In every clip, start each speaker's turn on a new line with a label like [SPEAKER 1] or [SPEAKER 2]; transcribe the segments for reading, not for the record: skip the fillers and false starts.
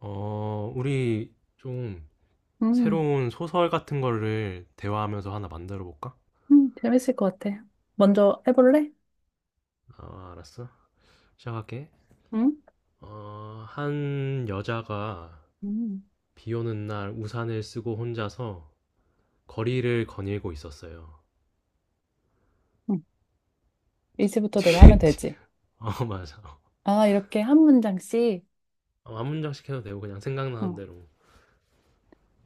[SPEAKER 1] 우리 좀
[SPEAKER 2] 음,
[SPEAKER 1] 새로운 소설 같은 거를 대화하면서 하나 만들어 볼까?
[SPEAKER 2] 재밌을 것 같아. 먼저 해볼래?
[SPEAKER 1] 아, 알았어. 시작할게.
[SPEAKER 2] 응?
[SPEAKER 1] 한 여자가
[SPEAKER 2] 음,
[SPEAKER 1] 비 오는 날 우산을 쓰고 혼자서 거리를 거닐고 있었어요.
[SPEAKER 2] 응.
[SPEAKER 1] 뒤-
[SPEAKER 2] 이제부터 내가 하면
[SPEAKER 1] 뒤에, 뒤-
[SPEAKER 2] 되지.
[SPEAKER 1] 어, 맞아.
[SPEAKER 2] 아, 이렇게 한 문장씩.
[SPEAKER 1] 한 문장씩 해도 되고 그냥 생각나는
[SPEAKER 2] 응.
[SPEAKER 1] 대로.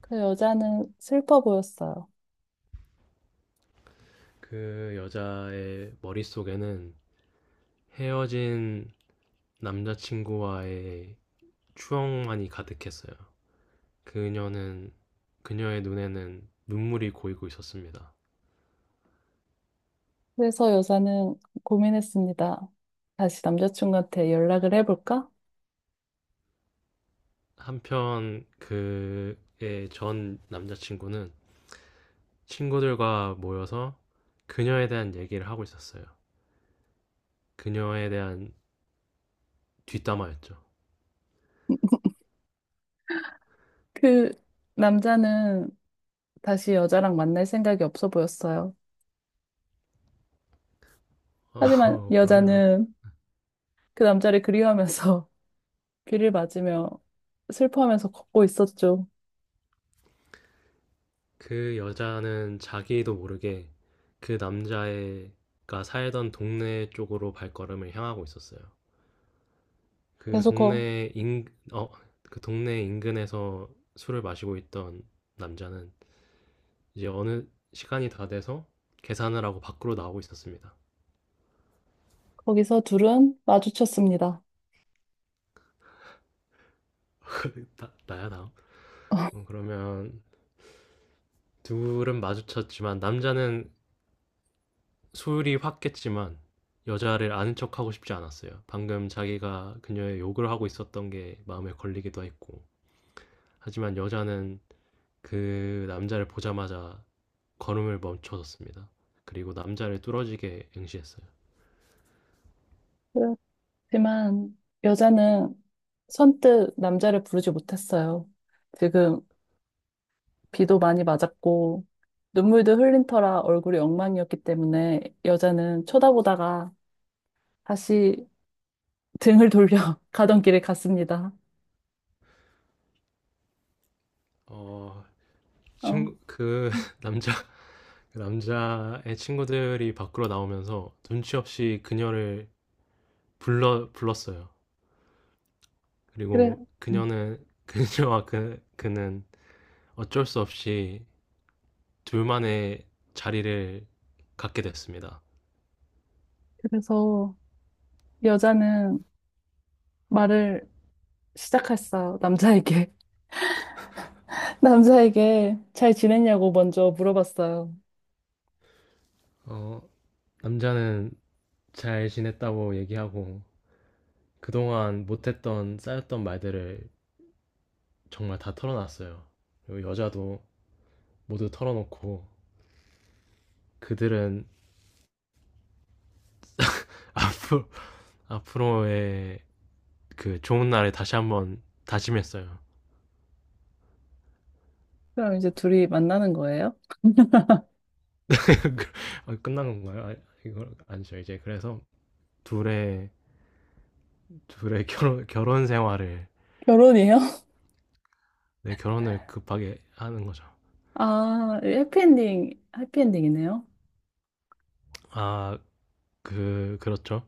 [SPEAKER 2] 그 여자는 슬퍼 보였어요.
[SPEAKER 1] 그 여자의 머릿속에는 헤어진 남자친구와의 추억만이 가득했어요. 그녀는 그녀의 눈에는 눈물이 고이고 있었습니다.
[SPEAKER 2] 그래서 여자는 고민했습니다. 다시 남자친구한테 연락을 해볼까?
[SPEAKER 1] 한편 그의 전 남자친구는 친구들과 모여서 그녀에 대한 얘기를 하고 있었어요. 그녀에 대한 뒷담화였죠.
[SPEAKER 2] 그 남자는 다시 여자랑 만날 생각이 없어 보였어요. 하지만
[SPEAKER 1] 그러면
[SPEAKER 2] 여자는 그 남자를 그리워하면서 귀를 맞으며 슬퍼하면서 걷고 있었죠.
[SPEAKER 1] 그 여자는 자기도 모르게 그 남자애가 살던 동네 쪽으로 발걸음을 향하고 있었어요. 그
[SPEAKER 2] 계속 거,
[SPEAKER 1] 동네 인, 어, 그 동네 인근에서 술을 마시고 있던 남자는 이제 어느 시간이 다 돼서 계산을 하고 밖으로 나오고 있었습니다.
[SPEAKER 2] 거기서 둘은 마주쳤습니다.
[SPEAKER 1] 나야 다음. 그러면 둘은 마주쳤지만 남자는 술이 확깼지만 여자를 아는 척하고 싶지 않았어요. 방금 자기가 그녀의 욕을 하고 있었던 게 마음에 걸리기도 했고. 하지만 여자는 그 남자를 보자마자 걸음을 멈춰섰습니다. 그리고 남자를 뚫어지게 응시했어요.
[SPEAKER 2] 그렇지만 여자는 선뜻 남자를 부르지 못했어요. 지금 비도 많이 맞았고 눈물도 흘린 터라 얼굴이 엉망이었기 때문에 여자는 쳐다보다가 다시 등을 돌려 가던 길을 갔습니다.
[SPEAKER 1] 어,
[SPEAKER 2] 어,
[SPEAKER 1] 친구, 그 남자 그 남자의 친구들이 밖으로 나오면서 눈치 없이 그녀를 불러 불렀어요.
[SPEAKER 2] 그래,
[SPEAKER 1] 그리고
[SPEAKER 2] 음,
[SPEAKER 1] 그녀는 그녀와 그 그는 어쩔 수 없이 둘만의 자리를 갖게 됐습니다.
[SPEAKER 2] 그래서 여자는 말을 시작했어요, 남자에게. 남자에게 잘 지냈냐고 먼저 물어봤어요.
[SPEAKER 1] 어, 남자는 잘 지냈다고 얘기하고 그동안 못했던 쌓였던 말들을 정말 다 털어놨어요. 그리고 여자도 모두 털어놓고 그들은 앞으로 앞으로의 그 좋은 날에 다시 한번 다짐했어요.
[SPEAKER 2] 그럼 이제 둘이 만나는 거예요?
[SPEAKER 1] 아, 끝난 건가요? 아, 이거 아니죠. 이제 그래서 둘의 둘의 결혼 생활을,
[SPEAKER 2] 결혼이에요?
[SPEAKER 1] 네, 결혼을 급하게 하는 거죠.
[SPEAKER 2] 아, 해피엔딩, 해피엔딩이네요.
[SPEAKER 1] 아, 그렇죠.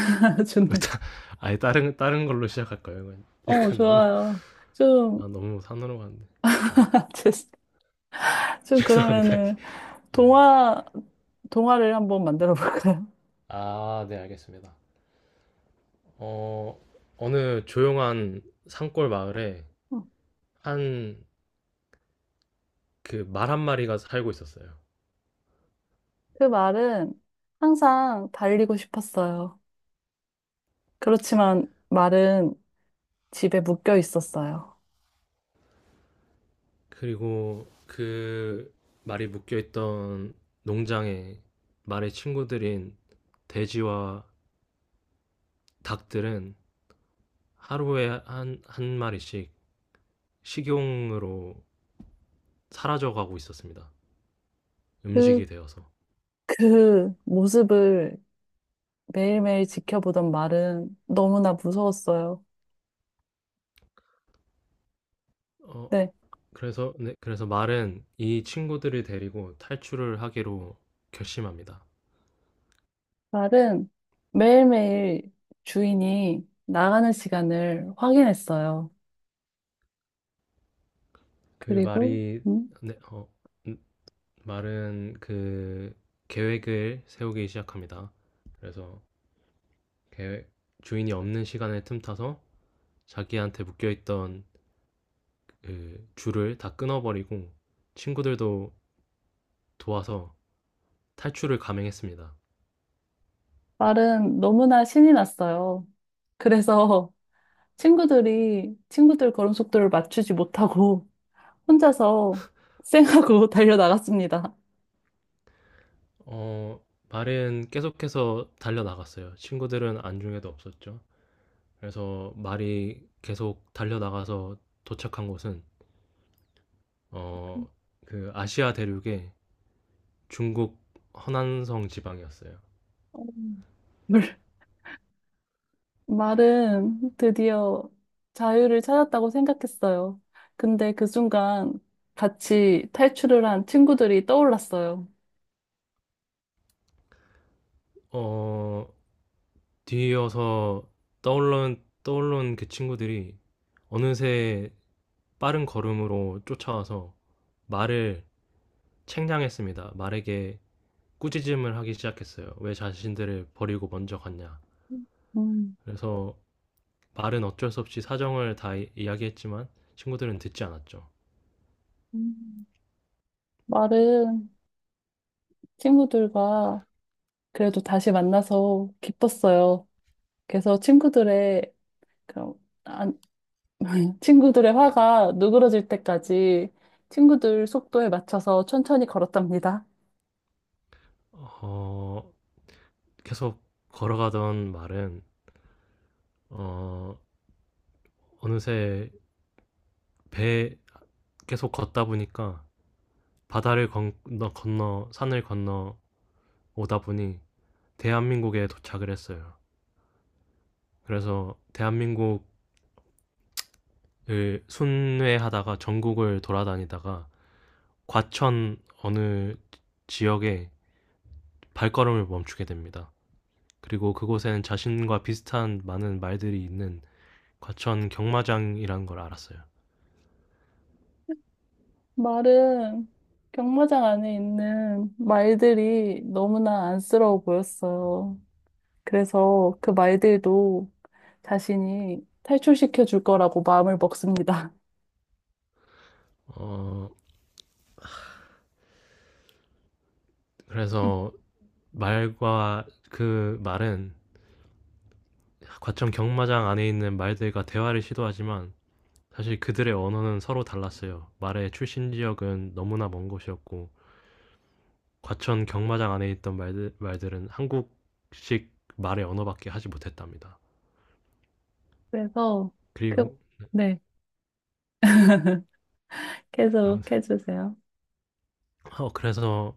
[SPEAKER 2] 좋네.
[SPEAKER 1] 아예 다른 걸로 시작할 거예요.
[SPEAKER 2] 어,
[SPEAKER 1] 약간 너무,
[SPEAKER 2] 좋아요. 좀,
[SPEAKER 1] 아, 너무 산으로 갔는데. 네.
[SPEAKER 2] 죄송- 좀
[SPEAKER 1] 죄송합니다.
[SPEAKER 2] 그러면은,
[SPEAKER 1] 네.
[SPEAKER 2] 동화, 동화를 한번 만들어 볼까요?
[SPEAKER 1] 아, 네, 알겠습니다. 어느 조용한 산골 마을에
[SPEAKER 2] 어,
[SPEAKER 1] 한 그 말 한 마리가 살고 있었어요.
[SPEAKER 2] 그 말은 항상 달리고 싶었어요. 그렇지만 말은 집에 묶여 있었어요.
[SPEAKER 1] 그리고 그 말이 묶여있던 농장에 말의 친구들인 돼지와 닭들은 하루에 한 마리씩 식용으로 사라져가고 있었습니다.
[SPEAKER 2] 그,
[SPEAKER 1] 음식이 되어서.
[SPEAKER 2] 그 모습을 매일매일 지켜보던 말은 너무나 무서웠어요.
[SPEAKER 1] 어,
[SPEAKER 2] 네,
[SPEAKER 1] 네, 그래서 말은 이 친구들을 데리고 탈출을 하기로 결심합니다.
[SPEAKER 2] 말은 매일매일 주인이 나가는 시간을 확인했어요.
[SPEAKER 1] 그
[SPEAKER 2] 그리고
[SPEAKER 1] 말이,
[SPEAKER 2] 음,
[SPEAKER 1] 네, 음, 말은 그 계획을 세우기 시작합니다. 그래서 주인이 없는 시간을 틈타서 자기한테 묶여있던 그 줄을 다 끊어버리고 친구들도 도와서 탈출을 감행했습니다.
[SPEAKER 2] 말은 너무나 신이 났어요. 그래서 친구들 걸음 속도를 맞추지 못하고 혼자서 쌩하고 달려 나갔습니다.
[SPEAKER 1] 말은 계속해서 달려나갔어요. 친구들은 안중에도 없었죠. 그래서 말이 계속 달려나가서 도착한 곳은 어, 그 아시아 대륙의 중국 허난성 지방이었어요.
[SPEAKER 2] 말은 드디어 자유를 찾았다고 생각했어요. 근데 그 순간 같이 탈출을 한 친구들이 떠올랐어요.
[SPEAKER 1] 어, 뒤이어서 떠올른 그 친구들이 어느새 빠른 걸음으로 쫓아와서 말을 책량했습니다. 말에게 꾸짖음을 하기 시작했어요. 왜 자신들을 버리고 먼저 갔냐.
[SPEAKER 2] 음,
[SPEAKER 1] 그래서 말은 어쩔 수 없이 사정을 다 이야기했지만 친구들은 듣지 않았죠.
[SPEAKER 2] 음. 말은 친구들과 그래도 다시 만나서 기뻤어요. 그래서 친구들의 그런 안, 친구들의 화가 누그러질 때까지 친구들 속도에 맞춰서 천천히 걸었답니다.
[SPEAKER 1] 어, 계속 걸어가던 말은 어, 어느새 배 계속 걷다 보니까 바다를 건너 산을 건너 오다 보니 대한민국에 도착을 했어요. 그래서 대한민국을 순회하다가 전국을 돌아다니다가 과천 어느 지역에 발걸음을 멈추게 됩니다. 그리고 그곳엔 자신과 비슷한 많은 말들이 있는 과천 경마장이라는 걸 알았어요.
[SPEAKER 2] 말은 경마장 안에 있는 말들이 너무나 안쓰러워 보였어요. 그래서 그 말들도 자신이 탈출시켜 줄 거라고 마음을 먹습니다.
[SPEAKER 1] 어, 그래서 말과 그 말은 과천 경마장 안에 있는 말들과 대화를 시도하지만 사실 그들의 언어는 서로 달랐어요. 말의 출신 지역은 너무나 먼 곳이었고 과천 경마장 안에 있던 말들은 한국식 말의 언어밖에 하지 못했답니다.
[SPEAKER 2] 그래서 그,
[SPEAKER 1] 그리고
[SPEAKER 2] 네. 계속 해주세요.
[SPEAKER 1] 어, 그래서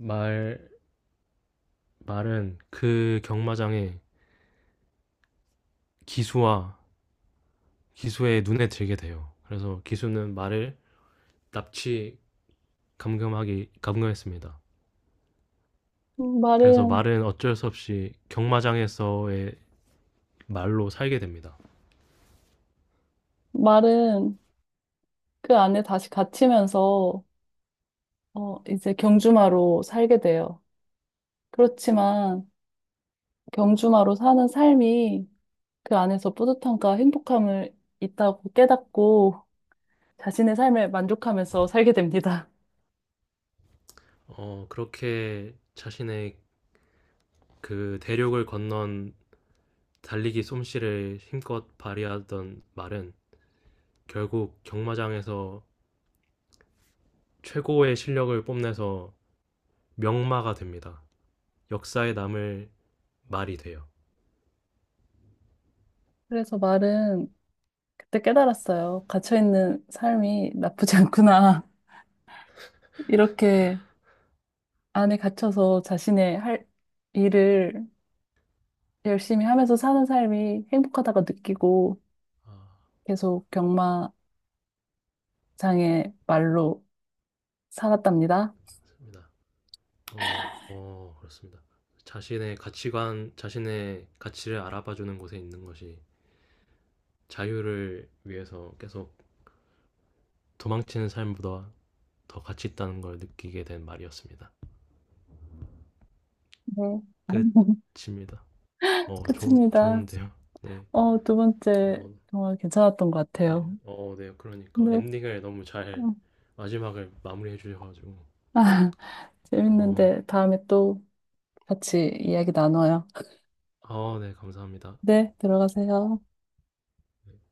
[SPEAKER 1] 말 말은 그 경마장의 기수와 기수의 눈에 들게 돼요. 그래서 기수는 말을 납치 감금하기 감금했습니다.
[SPEAKER 2] 음,
[SPEAKER 1] 그래서
[SPEAKER 2] 말은,
[SPEAKER 1] 말은 어쩔 수 없이 경마장에서의 말로 살게 됩니다.
[SPEAKER 2] 말은 그 안에 다시 갇히면서, 어, 이제 경주마로 살게 돼요. 그렇지만 경주마로 사는 삶이 그 안에서 뿌듯함과 행복함을 있다고 깨닫고 자신의 삶에 만족하면서 살게 됩니다.
[SPEAKER 1] 어, 그렇게 자신의 그 대륙을 건넌 달리기 솜씨를 힘껏 발휘하던 말은 결국 경마장에서 최고의 실력을 뽐내서 명마가 됩니다. 역사에 남을 말이 돼요.
[SPEAKER 2] 그래서 말은 그때 깨달았어요. 갇혀있는 삶이 나쁘지 않구나. 이렇게 안에 갇혀서 자신의 할 일을 열심히 하면서 사는 삶이 행복하다고 느끼고
[SPEAKER 1] 아,
[SPEAKER 2] 계속 경마장의 말로 살았답니다.
[SPEAKER 1] 맞습니다. 그렇습니다. 자신의 가치관, 자신의 가치를 알아봐주는 곳에 있는 것이 자유를 위해서 계속 도망치는 삶보다 더 가치 있다는 걸 느끼게 된 말이었습니다.
[SPEAKER 2] 네.
[SPEAKER 1] 끝입니다. 어,
[SPEAKER 2] 끝입니다.
[SPEAKER 1] 좋은데요? 네.
[SPEAKER 2] 어, 두 번째
[SPEAKER 1] 어,
[SPEAKER 2] 정말 괜찮았던 것
[SPEAKER 1] 네,
[SPEAKER 2] 같아요.
[SPEAKER 1] 네, 그러니까
[SPEAKER 2] 네.
[SPEAKER 1] 엔딩을 너무 잘,
[SPEAKER 2] 어.
[SPEAKER 1] 마지막을 마무리해 주셔가지고, 어,
[SPEAKER 2] 재밌는데 다음에 또 같이 이야기 나눠요.
[SPEAKER 1] 아, 네, 감사합니다.
[SPEAKER 2] 네, 들어가세요.
[SPEAKER 1] 네.